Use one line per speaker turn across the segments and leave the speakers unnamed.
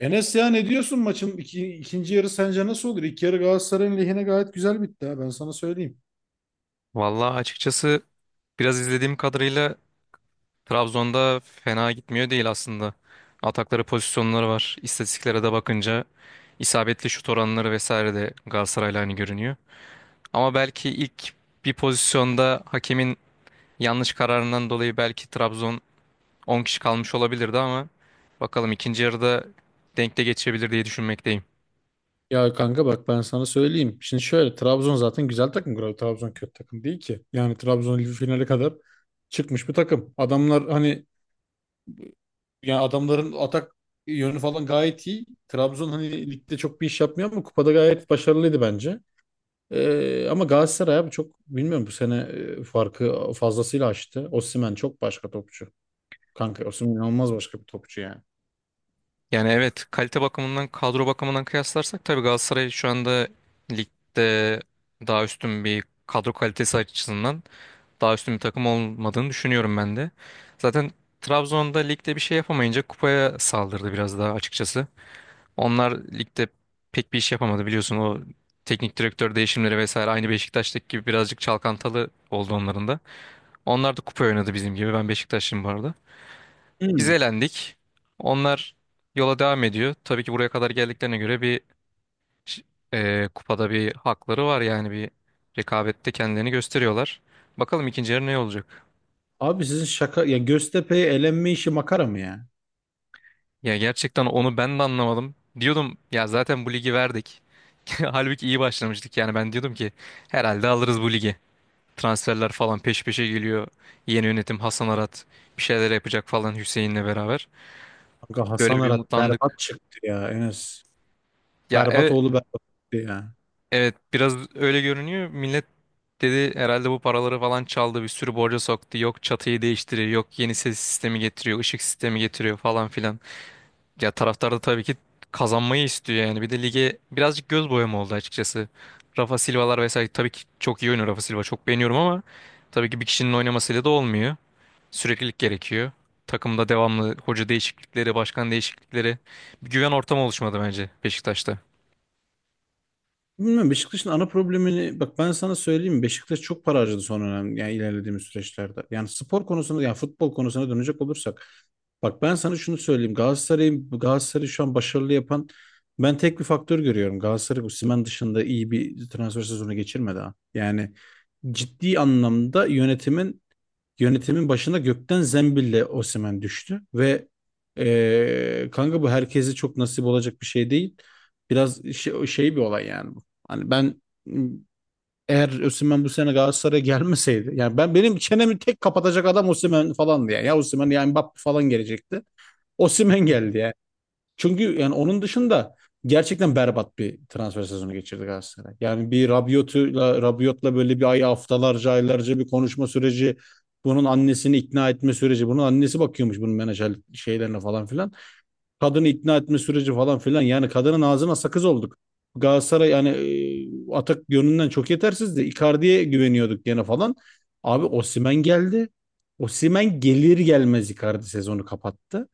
Enes ya ne diyorsun maçın ikinci yarı sence nasıl olur? İlk yarı Galatasaray'ın lehine gayet güzel bitti ha ben sana söyleyeyim.
Vallahi açıkçası biraz izlediğim kadarıyla Trabzon'da fena gitmiyor değil aslında. Atakları pozisyonları var. İstatistiklere de bakınca isabetli şut oranları vesaire de Galatasaray'la aynı görünüyor. Ama belki ilk bir pozisyonda hakemin yanlış kararından dolayı belki Trabzon 10 kişi kalmış olabilirdi ama bakalım ikinci yarıda denk de geçebilir diye düşünmekteyim.
Ya kanka bak ben sana söyleyeyim. Şimdi şöyle Trabzon zaten güzel takım. Trabzon kötü takım değil ki. Yani Trabzon Ligi finale kadar çıkmış bir takım. Adamlar hani yani adamların atak yönü falan gayet iyi. Trabzon hani ligde çok bir iş yapmıyor ama kupada gayet başarılıydı bence. Ama Galatasaray abi çok bilmiyorum bu sene farkı fazlasıyla açtı. Osimhen çok başka topçu. Kanka Osimhen inanılmaz başka bir topçu yani.
Yani evet, kalite bakımından kadro bakımından kıyaslarsak tabii Galatasaray şu anda ligde daha üstün bir kadro kalitesi açısından daha üstün bir takım olmadığını düşünüyorum ben de. Zaten Trabzon'da ligde bir şey yapamayınca kupaya saldırdı biraz daha açıkçası. Onlar ligde pek bir iş yapamadı, biliyorsun o teknik direktör değişimleri vesaire aynı Beşiktaş'taki gibi birazcık çalkantalı oldu onların da. Onlar da kupa oynadı bizim gibi, ben Beşiktaşlıyım bu arada. Biz
Hmm.
elendik. Onlar yola devam ediyor. Tabii ki buraya kadar geldiklerine göre ş- kupada bir hakları var, yani bir rekabette kendilerini gösteriyorlar. Bakalım ikinci yarı ne olacak?
Abi sizin şaka ya Göztepe'ye elenme işi makara mı ya?
Ya gerçekten onu ben de anlamadım. Diyordum ya, zaten bu ligi verdik. Halbuki iyi başlamıştık, yani ben diyordum ki herhalde alırız bu ligi. Transferler falan peş peşe geliyor. Yeni yönetim Hasan Arat bir şeyler yapacak falan Hüseyin'le beraber.
Kanka Hasan
Böyle bir
Arat berbat
umutlandık.
çıktı ya Enes.
Ya
Berbat
evet.
oğlu berbat çıktı ya.
Evet, biraz öyle görünüyor. Millet dedi herhalde bu paraları falan çaldı, bir sürü borca soktu. Yok çatıyı değiştiriyor, yok yeni ses sistemi getiriyor, ışık sistemi getiriyor falan filan. Ya taraftar da tabii ki kazanmayı istiyor yani. Bir de lige birazcık göz boyama oldu açıkçası. Rafa Silva'lar vesaire tabii ki çok iyi oynuyor, Rafa Silva çok beğeniyorum ama tabii ki bir kişinin oynamasıyla da olmuyor. Süreklilik gerekiyor. Takımda devamlı hoca değişiklikleri, başkan değişiklikleri, bir güven ortamı oluşmadı bence Beşiktaş'ta.
Bilmiyorum Beşiktaş'ın ana problemini bak ben sana söyleyeyim mi? Beşiktaş çok para harcadı son dönem yani ilerlediğimiz süreçlerde. Yani spor konusunda yani futbol konusuna dönecek olursak bak ben sana şunu söyleyeyim Galatasaray'ı şu an başarılı yapan ben tek bir faktör görüyorum. Galatasaray bu Osimhen dışında iyi bir transfer sezonu geçirmedi ha. Yani ciddi anlamda Yönetimin başına gökten zembille Osimhen düştü ve kanka bu herkese çok nasip olacak bir şey değil. Biraz şey bir olay yani bu. Hani ben eğer Osimhen bu sene Galatasaray'a gelmeseydi yani benim çenemi tek kapatacak adam Osimhen falandı yani. Ya Osimhen yani Mbappe falan gelecekti. Osimhen geldi yani. Çünkü yani onun dışında gerçekten berbat bir transfer sezonu geçirdi Galatasaray. Yani bir Rabiot'la böyle bir ay haftalarca aylarca bir konuşma süreci, bunun annesini ikna etme süreci, bunun annesi bakıyormuş bunun menajer şeylerine falan filan. Kadını ikna etme süreci falan filan. Yani kadının ağzına sakız olduk. Galatasaray yani atak yönünden çok yetersizdi. Icardi'ye güveniyorduk gene falan. Abi Osimhen geldi. Osimhen gelir gelmez Icardi sezonu kapattı.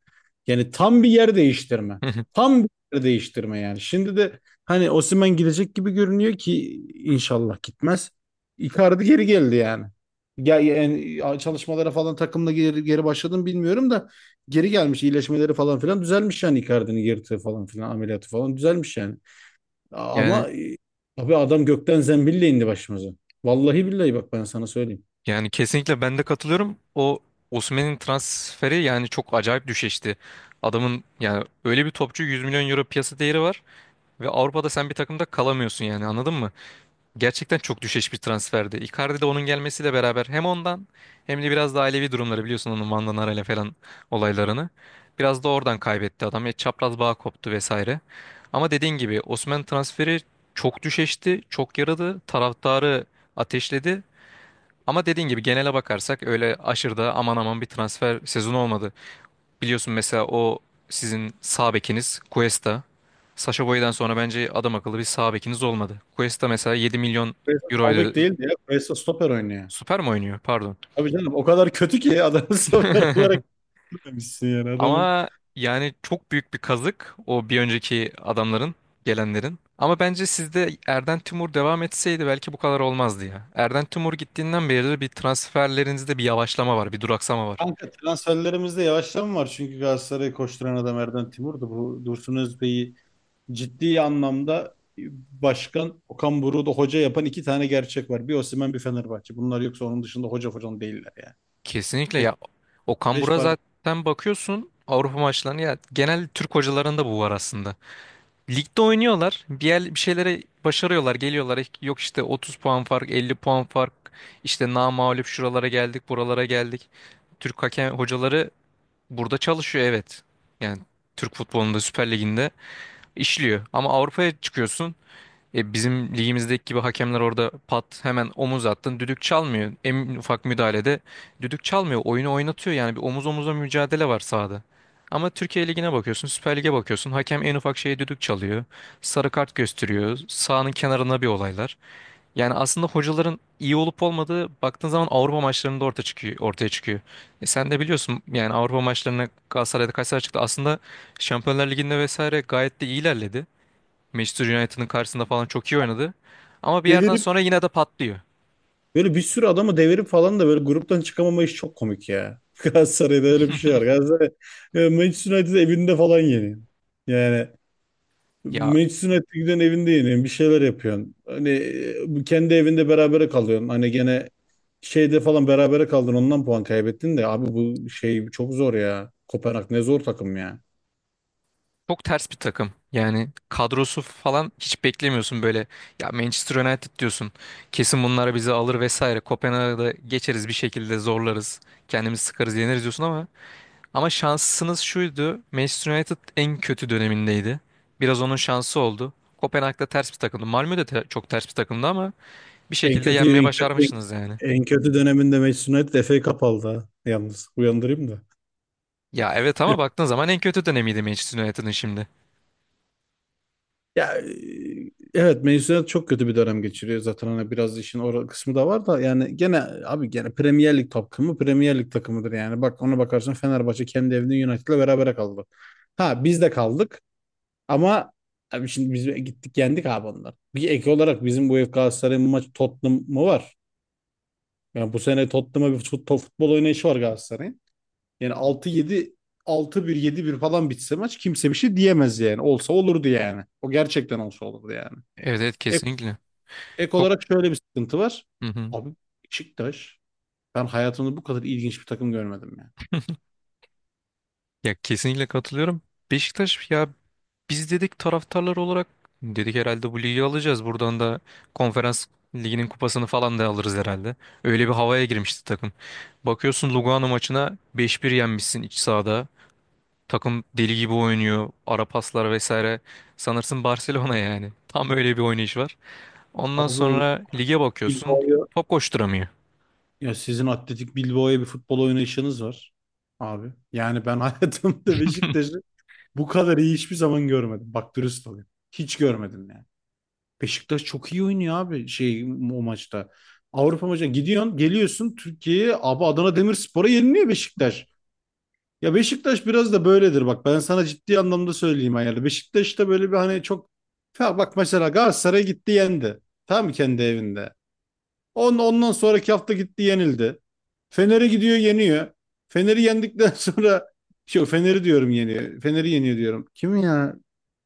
Yani tam bir yer değiştirme. Tam bir yer değiştirme yani. Şimdi de hani Osimhen gidecek gibi görünüyor ki inşallah gitmez. Icardi geri geldi yani. Ya, yani çalışmalara falan takımla geri başladım bilmiyorum da geri gelmiş iyileşmeleri falan filan düzelmiş yani Icardi'nin yırtığı falan filan ameliyatı falan düzelmiş yani.
Yani
Ama abi adam gökten zembille indi başımıza. Vallahi billahi bak ben sana söyleyeyim.
Yani kesinlikle ben de katılıyorum. O Osimhen'in transferi yani çok acayip düşüştü. Adamın yani öyle bir topçu, 100 milyon euro piyasa değeri var ve Avrupa'da sen bir takımda kalamıyorsun yani, anladın mı? Gerçekten çok düşeş bir transferdi. Icardi de onun gelmesiyle beraber hem ondan hem de biraz da ailevi durumları, biliyorsun onun Van Danara ile falan olaylarını. Biraz da oradan kaybetti adam. Ya çapraz bağ koptu vesaire. Ama dediğin gibi Osimhen transferi çok düşeşti, çok yaradı. Taraftarı ateşledi ama dediğin gibi genele bakarsak öyle aşırıda aman aman bir transfer sezonu olmadı. Biliyorsun mesela o sizin sağ bekiniz Cuesta. Sacha Boey'den sonra bence adam akıllı bir sağ bekiniz olmadı. Cuesta mesela yedi milyon
Presa sağ bek
euroydu.
değildi ya. Presa stoper oynuyor.
Süper mi oynuyor? Pardon.
Abi canım o kadar kötü ki adamı stoper olarak demişsin yani adamın.
Ama yani çok büyük bir kazık o bir önceki adamların, gelenlerin. Ama bence sizde Erden Timur devam etseydi belki bu kadar olmazdı ya. Erden Timur gittiğinden beri bir transferlerinizde bir yavaşlama var, bir duraksama var.
Kanka transferlerimizde yavaşlama var. Çünkü Galatasaray'ı koşturan adam Erden Timur'du. Bu Dursun Özbey'i ciddi anlamda başkan Okan Buruk'u da hoca yapan iki tane gerçek var. Bir Osimhen bir Fenerbahçe. Bunlar yoksa onun dışında hoca falan değiller yani.
Kesinlikle
Beş,
ya, Okan
beş
Buruk'a
para
zaten bakıyorsun Avrupa maçlarına, ya genel Türk hocalarında bu var aslında. Ligde oynuyorlar bir, yer, bir şeylere başarıyorlar, geliyorlar yok işte 30 puan fark, 50 puan fark, işte namağlup şuralara geldik buralara geldik. Türk hakem hocaları burada çalışıyor, evet, yani Türk futbolunda, Süper Lig'inde işliyor ama Avrupa'ya çıkıyorsun, bizim ligimizdeki gibi hakemler orada pat hemen omuz attın düdük çalmıyor. En ufak müdahalede düdük çalmıyor. Oyunu oynatıyor, yani bir omuz omuza mücadele var sahada. Ama Türkiye Ligi'ne bakıyorsun, Süper Lig'e bakıyorsun. Hakem en ufak şeye düdük çalıyor. Sarı kart gösteriyor. Sahanın kenarına bir olaylar. Yani aslında hocaların iyi olup olmadığı, baktığın zaman Avrupa maçlarında ortaya çıkıyor, ortaya çıkıyor. E sen de biliyorsun yani Avrupa maçlarına Galatasaray'da kaç sene çıktı. Aslında Şampiyonlar Ligi'nde vesaire gayet de iyi ilerledi. Manchester United'ın karşısında falan çok iyi oynadı. Ama bir yerden
devirip
sonra yine de patlıyor.
böyle bir sürü adamı devirip falan da böyle gruptan çıkamama iş çok komik ya. Galatasaray'da öyle bir şey var. Galatasaray Manchester United evinde falan yeniyor. Yani
Ya
Meclisin giden evinde yeniyorsun. Bir şeyler yapıyorsun. Hani kendi evinde berabere kalıyorsun. Hani gene şeyde falan berabere kaldın ondan puan kaybettin de abi bu şey çok zor ya. Kopenhag ne zor takım ya.
çok ters bir takım. Yani kadrosu falan hiç beklemiyorsun böyle. Ya Manchester United diyorsun. Kesin bunlar bizi alır vesaire. Kopenhag'da geçeriz bir şekilde, zorlarız. Kendimizi sıkarız, yeneriz diyorsun ama. Ama şansınız şuydu. Manchester United en kötü dönemindeydi. Biraz onun şansı oldu. Kopenhag'da ters bir takımdı. Malmö de çok ters bir takımdı ama bir
En
şekilde
kötü
yenmeye
en kötü
başarmışsınız yani.
en kötü döneminde Manchester United FA Cup aldı ha. Yalnız uyandırayım da.
Ya evet ama baktığın zaman en kötü dönemiydi Manchester United'ın şimdi.
Ya evet mezuniyet çok kötü bir dönem geçiriyor zaten hani biraz işin o kısmı da var da yani gene abi gene Premier Lig takımıdır yani bak ona bakarsan Fenerbahçe kendi evinde United'la berabere kaldı. Ha biz de kaldık ama abi şimdi biz gittik yendik abi onları. Bir ek olarak bizim bu ev Galatasaray'ın maç Tottenham'ı var. Yani bu sene Tottenham'a bir futbol oynayışı var Galatasaray'ın. Yani altı bir yedi bir falan bitse maç kimse bir şey diyemez yani. Olsa olurdu yani. O gerçekten olsa olurdu yani.
Evet evet, kesinlikle.
Ek
Çok
olarak şöyle bir sıkıntı var.
Hı hı.
Abi Beşiktaş ben hayatımda bu kadar ilginç bir takım görmedim ya.
Ya kesinlikle katılıyorum. Beşiktaş ya, biz dedik taraftarlar olarak, dedik herhalde bu ligi alacağız. Buradan da konferans liginin kupasını falan da alırız herhalde. Öyle bir havaya girmişti takım. Bakıyorsun Lugano maçına 5-1 yenmişsin iç sahada. Takım deli gibi oynuyor. Ara paslar vesaire. Sanırsın Barcelona yani. Tam öyle bir oynayış var. Ondan
Abi o
sonra lige bakıyorsun.
Bilbao'ya
Top koşturamıyor.
ya sizin atletik Bilbao'ya bir futbol oynayışınız var abi. Yani ben hayatımda Beşiktaş'ı bu kadar iyi hiçbir zaman görmedim. Bak dürüst olayım. Hiç görmedim yani. Beşiktaş çok iyi oynuyor abi şey o maçta. Avrupa maçına gidiyorsun, geliyorsun Türkiye'ye abi Adana Demirspor'a yeniliyor Beşiktaş. Ya Beşiktaş biraz da böyledir bak ben sana ciddi anlamda söyleyeyim ayarlı. Beşiktaş'ta böyle bir hani çok ya bak mesela Galatasaray gitti yendi. Tamam mı kendi evinde. Ondan sonraki hafta gitti yenildi. Fener'e gidiyor yeniyor. Fener'i yendikten sonra şey Fener'i diyorum yeniyor. Fener'i yeniyor diyorum. Kim ya?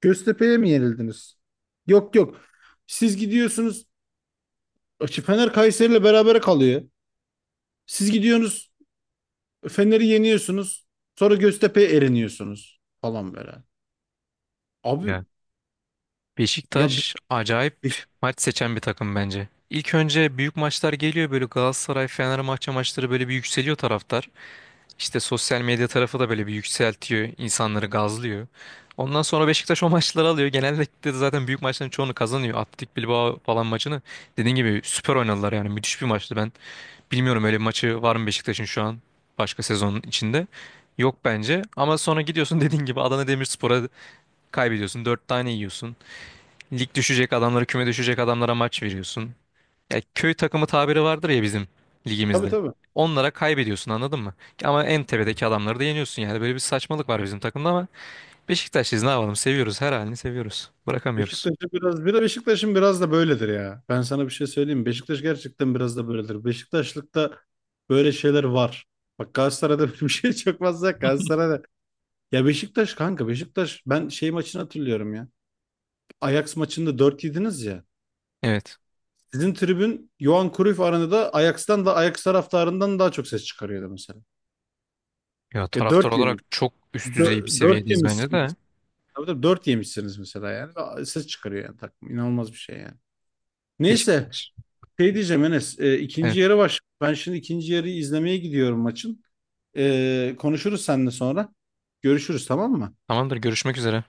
Göztepe'ye mi yenildiniz? Yok yok. Siz gidiyorsunuz. Fener Kayseri'yle berabere kalıyor. Siz gidiyorsunuz. Fener'i yeniyorsunuz. Sonra Göztepe'ye eriniyorsunuz falan böyle. Abi
Ya.
ya bir
Beşiktaş acayip
Beşik-
maç seçen bir takım bence. İlk önce büyük maçlar geliyor, böyle Galatasaray Fenerbahçe maçları, böyle bir yükseliyor taraftar. İşte sosyal medya tarafı da böyle bir yükseltiyor, insanları gazlıyor. Ondan sonra Beşiktaş o maçları alıyor. Genellikle de zaten büyük maçların çoğunu kazanıyor. Atletik Bilbao falan maçını dediğin gibi süper oynadılar, yani müthiş bir maçtı ben. Bilmiyorum öyle bir maçı var mı Beşiktaş'ın şu an başka sezonun içinde. Yok bence, ama sonra gidiyorsun dediğin gibi Adana Demirspor'a kaybediyorsun. Dört tane yiyorsun. Lig düşecek adamlara, küme düşecek adamlara maç veriyorsun. Ya köy takımı tabiri vardır ya bizim
Tabii
ligimizde.
tabii.
Onlara kaybediyorsun, anladın mı? Ama en tepedeki adamları da yeniyorsun yani. Böyle bir saçmalık var bizim takımda ama Beşiktaşlıyız, ne yapalım, seviyoruz, her halini seviyoruz. Bırakamıyoruz.
Beşiktaş'ın biraz da böyledir ya. Ben sana bir şey söyleyeyim mi? Beşiktaş gerçekten biraz da böyledir. Beşiktaşlıkta böyle şeyler var. Bak Galatasaray'da böyle bir şey çok fazla yok. Galatasaray'da ya Beşiktaş ben şey maçını hatırlıyorum ya. Ajax maçında 4 yediniz ya.
Evet.
Sizin tribün Johan Cruyff Arena'da Ajax'tan da Ajax taraftarından daha çok ses çıkarıyordu mesela.
Ya
Ya
taraftar
4 yemiş,
olarak çok üst düzey bir
4
seviyedeyiz bence
yemişsiniz.
de.
Tabii tabii 4 yemişsiniz mesela yani. Ses çıkarıyor yani takım. İnanılmaz bir şey yani. Neyse
Beşiktaş.
şey diyeceğim Enes ikinci
Evet.
yarı baş. Ben şimdi ikinci yarıyı izlemeye gidiyorum maçın. Konuşuruz seninle sonra. Görüşürüz tamam mı?
Tamamdır, görüşmek üzere.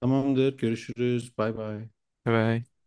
Tamamdır görüşürüz bay bay.
Bye. Bye.